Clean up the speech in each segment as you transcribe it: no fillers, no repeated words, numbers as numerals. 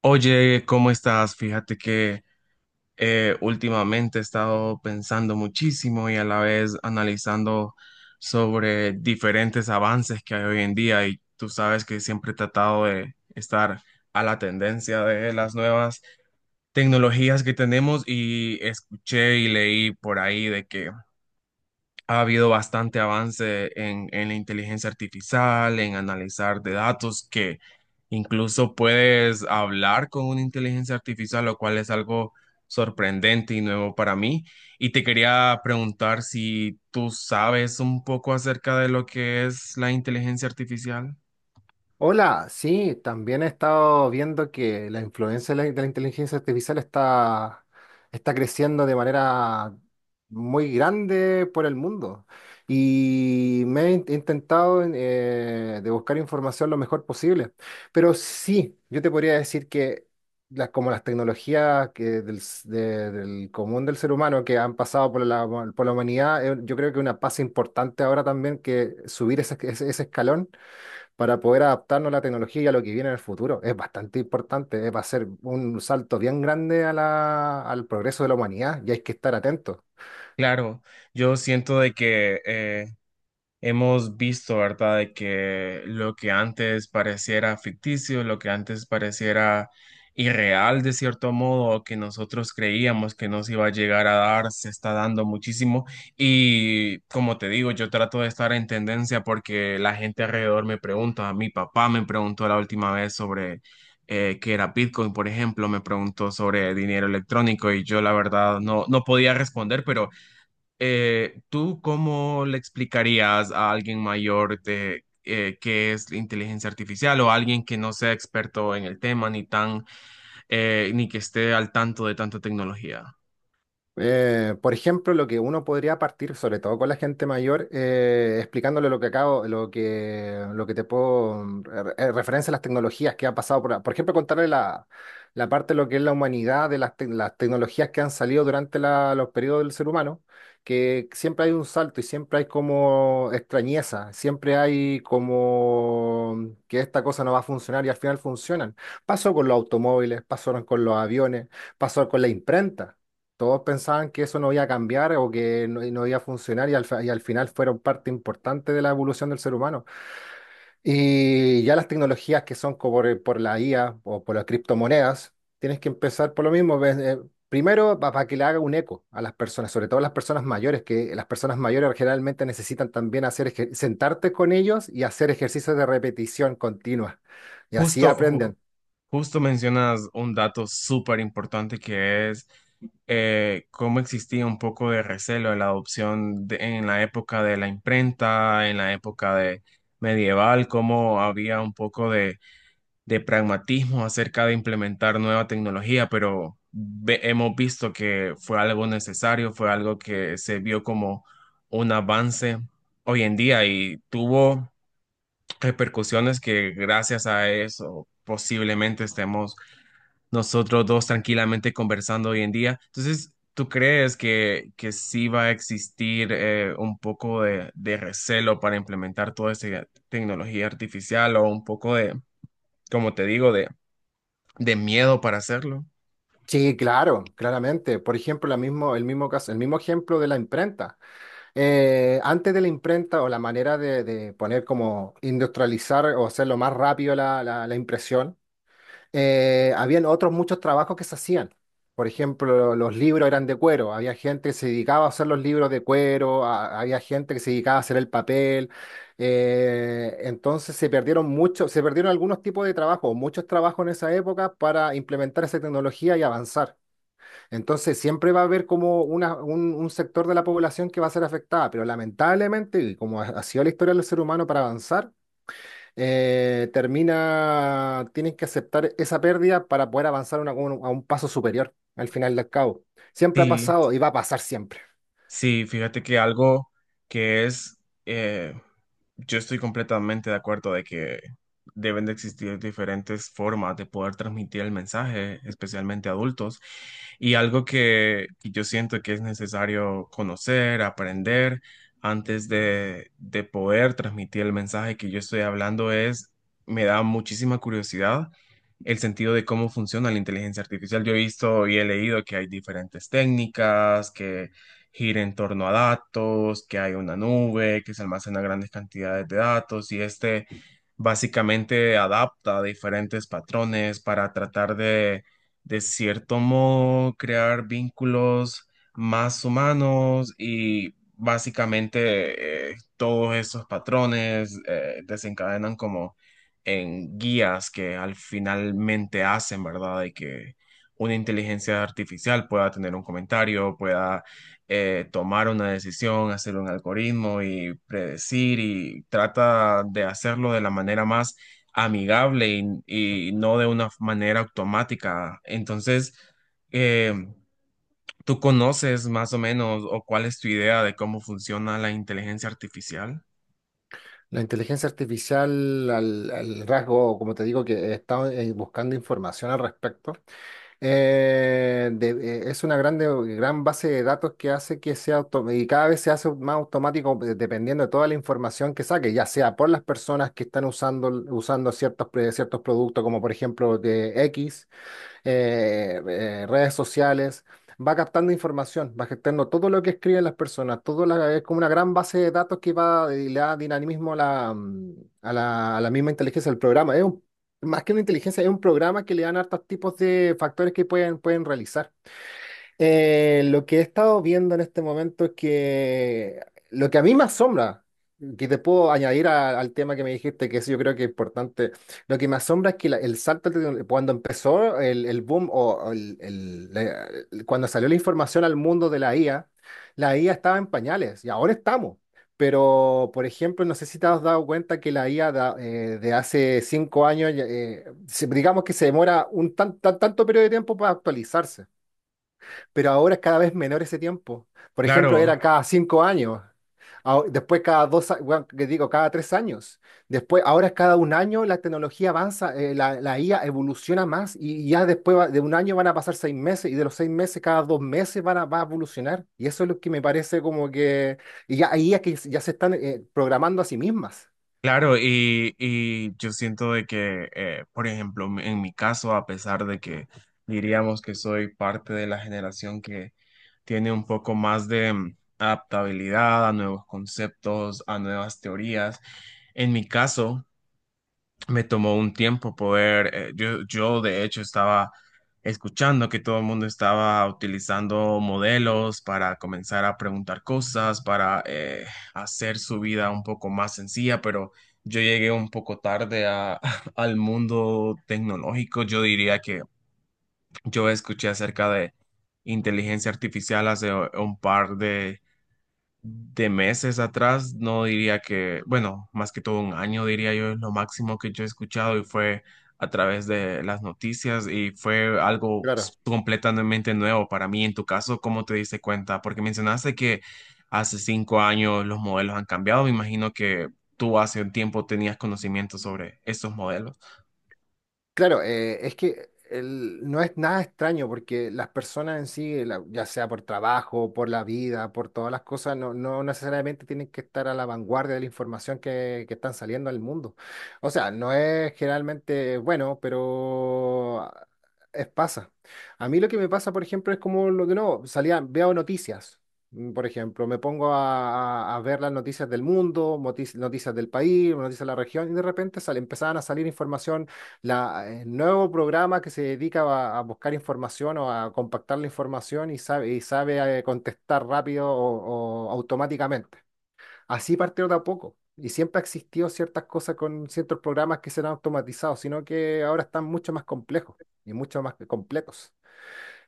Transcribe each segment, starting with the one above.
Oye, ¿cómo estás? Fíjate que últimamente he estado pensando muchísimo y a la vez analizando sobre diferentes avances que hay hoy en día y tú sabes que siempre he tratado de estar a la tendencia de las nuevas tecnologías que tenemos y escuché y leí por ahí de que ha habido bastante avance en la inteligencia artificial, en analizar de datos, que incluso puedes hablar con una inteligencia artificial, lo cual es algo sorprendente y nuevo para mí. Y te quería preguntar si tú sabes un poco acerca de lo que es la inteligencia artificial. Hola, sí, también he estado viendo que la influencia de la inteligencia artificial está creciendo de manera muy grande por el mundo. Y me he intentado de buscar información lo mejor posible. Pero sí, yo te podría decir que como las tecnologías que del, s- de- del común del ser humano que han pasado por por la humanidad, yo creo que una pasa importante ahora también que subir ese escalón para poder adaptarnos a la tecnología y a lo que viene en el futuro. Es bastante importante, va a ser un salto bien grande a al progreso de la humanidad y hay que estar atentos. Claro, yo siento de que hemos visto, ¿verdad?, de que lo que antes pareciera ficticio, lo que antes pareciera irreal de cierto modo, o que nosotros creíamos que nos iba a llegar a dar, se está dando muchísimo. Y como te digo, yo trato de estar en tendencia porque la gente alrededor me pregunta, mi papá me preguntó la última vez sobre qué era Bitcoin, por ejemplo, me preguntó sobre dinero electrónico y yo la verdad no, no podía responder, pero ¿tú cómo le explicarías a alguien mayor de qué es la inteligencia artificial o alguien que no sea experto en el tema ni tan ni que esté al tanto de tanta tecnología? Por ejemplo, lo que uno podría partir, sobre todo con la gente mayor, explicándole lo que acabo, lo que te puedo referencia a las tecnologías que ha pasado por ejemplo, contarle la parte de lo que es la humanidad, de las tecnologías que han salido durante los periodos del ser humano, que siempre hay un salto y siempre hay como extrañeza, siempre hay como que esta cosa no va a funcionar y al final funcionan. Pasó con los automóviles, pasaron con los aviones, pasó con la imprenta. Todos pensaban que eso no iba a cambiar o que no, no iba a funcionar y y al final fueron parte importante de la evolución del ser humano. Y ya las tecnologías que son como por la IA o por las criptomonedas, tienes que empezar por lo mismo. Ves, primero, para que le haga un eco a las personas, sobre todo a las personas mayores, que las personas mayores generalmente necesitan también hacer sentarte con ellos y hacer ejercicios de repetición continua. Y así Justo, ju- aprenden. justo mencionas un dato súper importante que es cómo existía un poco de recelo en la adopción en la época de la imprenta, en la época de medieval, cómo había un poco de pragmatismo acerca de implementar nueva tecnología, pero hemos visto que fue algo necesario, fue algo que se vio como un avance hoy en día y tuvo repercusiones que gracias a eso posiblemente estemos nosotros dos tranquilamente conversando hoy en día. Entonces, ¿tú crees que sí va a existir un poco de recelo para implementar toda esta tecnología artificial o un poco de, como te digo, de miedo para hacerlo? Sí, claro, claramente. Por ejemplo, el mismo caso, el mismo ejemplo de la imprenta. Antes de la imprenta o la manera de poner como industrializar o hacerlo más rápido la impresión, habían otros muchos trabajos que se hacían. Por ejemplo, los libros eran de cuero. Había gente que se dedicaba a hacer los libros de cuero, había gente que se dedicaba a hacer el papel. Entonces se perdieron muchos, se perdieron algunos tipos de trabajo, muchos trabajos en esa época para implementar esa tecnología y avanzar. Entonces siempre va a haber como un sector de la población que va a ser afectada, pero lamentablemente, y como ha sido la historia del ser humano para avanzar, tienen que aceptar esa pérdida para poder avanzar a un paso superior al final del cabo. Siempre ha Sí, pasado y va a pasar siempre. sí, fíjate que algo que es, eh, yo estoy completamente de acuerdo de que deben de existir diferentes formas de poder transmitir el mensaje, especialmente a adultos, y algo que yo siento que es necesario conocer, aprender antes de poder transmitir el mensaje que yo estoy hablando es, me da muchísima curiosidad el sentido de cómo funciona la inteligencia artificial. Yo he visto y he leído que hay diferentes técnicas, que gira en torno a datos, que hay una nube, que se almacena grandes cantidades de datos y este básicamente adapta diferentes patrones para tratar de cierto modo, crear vínculos más humanos y básicamente todos esos patrones desencadenan como en guías que al finalmente hacen, ¿verdad? De que una inteligencia artificial pueda tener un comentario, pueda tomar una decisión, hacer un algoritmo y predecir y trata de hacerlo de la manera más amigable y no de una manera automática. Entonces, eh, ¿tú conoces más o menos o cuál es tu idea de cómo funciona la inteligencia artificial? La inteligencia artificial, al rasgo, como te digo, que he buscando información al respecto, es una gran base de datos que hace que sea y cada vez se hace más automático dependiendo de toda la información que saque, ya sea por las personas que están usando ciertos productos, como por ejemplo de X redes sociales, va captando información, va captando todo lo que escriben las personas, es como una gran base de datos que va y le da dinamismo a la, mm, a la misma inteligencia del programa. Más que una inteligencia, es un programa que le dan hartos tipos de factores que pueden realizar. Lo que he estado viendo en este momento es que lo que a mí me asombra, que te puedo añadir al tema que me dijiste, que eso yo creo que es importante, lo que me asombra es que el salto, cuando empezó el boom o el- la- el- cuando salió la información al mundo de la IA, la IA estaba en pañales y ahora estamos. Pero, por ejemplo, no sé si te has dado cuenta que la IA de hace cinco años, ya, digamos que se demora tanto periodo de tiempo para actualizarse, pero ahora es cada vez menor ese tiempo. Por ejemplo, Claro, era cada cinco años, ah, después cada dos, bueno, que digo, cada tres años. Después, ahora es cada un año, la tecnología avanza, la IA evoluciona más y ya después de un año van a pasar seis meses y de los seis meses, cada dos meses va a evolucionar. Y eso es lo que me parece como que, y ya, ahí es que ya se están programando a sí mismas. claro, y yo siento de que, por ejemplo, en mi caso, a pesar de que diríamos que soy parte de la generación que tiene un poco más de adaptabilidad a nuevos conceptos, a nuevas teorías, en mi caso, me tomó un tiempo poder, yo de hecho estaba escuchando que todo el mundo estaba utilizando modelos para comenzar a preguntar cosas, para hacer su vida un poco más sencilla, pero yo llegué un poco tarde al mundo tecnológico. Yo diría que yo escuché acerca de inteligencia artificial hace un par de meses atrás, no diría que, bueno, más que todo un año, diría yo, es lo máximo que yo he escuchado y fue a través de las noticias y fue algo Claro, completamente nuevo para mí. En tu caso, ¿cómo te diste cuenta? Porque mencionaste que hace 5 años los modelos han cambiado. Me imagino que tú hace un tiempo tenías conocimiento sobre estos modelos. Claro, es que no es nada extraño porque las personas en sí, ya sea por trabajo, por la vida, por todas las cosas, no, no necesariamente tienen que estar a la vanguardia de la información que están saliendo al mundo. O sea, no es generalmente bueno, pero es pasa. A mí lo que me pasa, por ejemplo, es como lo que no, salía, veo noticias. Por ejemplo, me pongo a, a ver las noticias del mundo, noticias del país, noticias de la región, y de repente sale, empezaban a salir información el nuevo programa que se dedica a buscar información o a compactar la información y y sabe contestar rápido o automáticamente. Así partió de a poco. Y siempre ha existido ciertas cosas con ciertos programas que serán automatizados, sino que ahora están mucho más complejos y mucho más completos.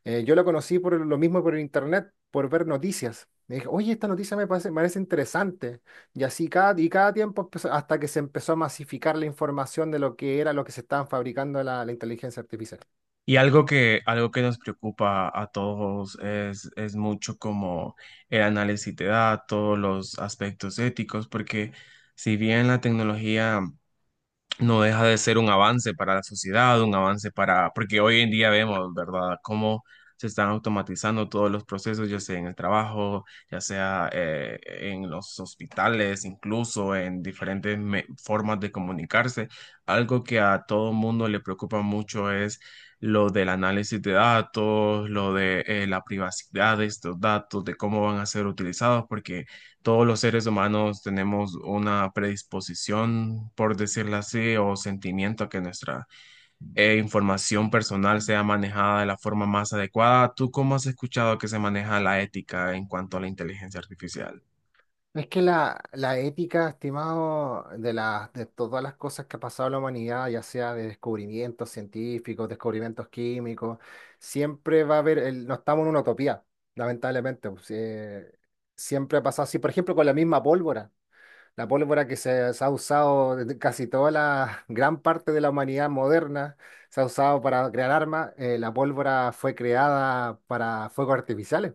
Yo lo conocí por lo mismo por el internet, por ver noticias. Me dije, oye, esta noticia me parece interesante. Y así y cada tiempo hasta que se empezó a masificar la información de lo que era lo que se estaban fabricando la inteligencia artificial. Y algo que nos preocupa a todos es mucho como el análisis de datos, los aspectos éticos, porque si bien la tecnología no deja de ser un avance para la sociedad, un avance para, porque hoy en día vemos, ¿verdad?, cómo se están automatizando todos los procesos, ya sea en el trabajo, ya sea en los hospitales, incluso en diferentes formas de comunicarse. Algo que a todo mundo le preocupa mucho es lo del análisis de datos, lo de la privacidad de estos datos, de cómo van a ser utilizados, porque todos los seres humanos tenemos una predisposición, por decirlo así, o sentimiento a que nuestra información personal sea manejada de la forma más adecuada. ¿Tú cómo has escuchado que se maneja la ética en cuanto a la inteligencia artificial? Es que la ética, estimado, de todas las cosas que ha pasado en la humanidad, ya sea de descubrimientos científicos, descubrimientos químicos, siempre va a haber, no estamos en una utopía, lamentablemente. Pues, siempre ha pasado así, por ejemplo, con la misma pólvora. La pólvora que se ha usado desde casi toda la gran parte de la humanidad moderna, se ha usado para crear armas. La pólvora fue creada para fuegos artificiales.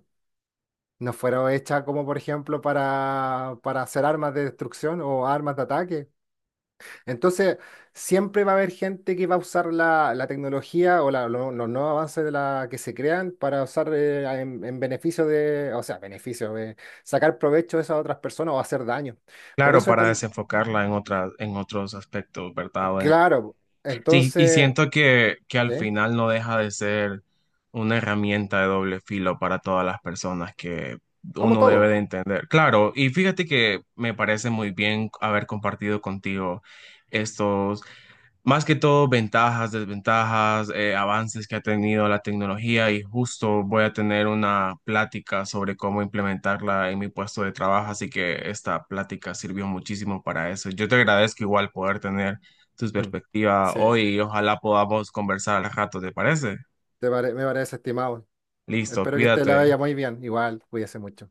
No fueron hechas como, por ejemplo, para hacer armas de destrucción o armas de ataque. Entonces, siempre va a haber gente que va a usar la tecnología o los nuevos avances de la que se crean para usar en beneficio de, o sea, beneficio, de sacar provecho de esas otras personas o hacer daño. Por Claro, eso para tal, desenfocarla en otras, en otros aspectos, ¿verdad? O en claro, sí, y entonces, siento que al ¿sí? final no deja de ser una herramienta de doble filo para todas las personas que Como uno debe de todo. entender. Claro, y fíjate que me parece muy bien haber compartido contigo estos más que todo, ventajas, desventajas, avances que ha tenido la tecnología y justo voy a tener una plática sobre cómo implementarla en mi puesto de trabajo, así que esta plática sirvió muchísimo para eso. Yo te agradezco igual poder tener tus Mm. perspectivas Sí, hoy y ojalá podamos conversar al rato, ¿te parece? Me parece estimado. Listo, Espero que te la cuídate. vaya muy bien. Igual, cuídese mucho.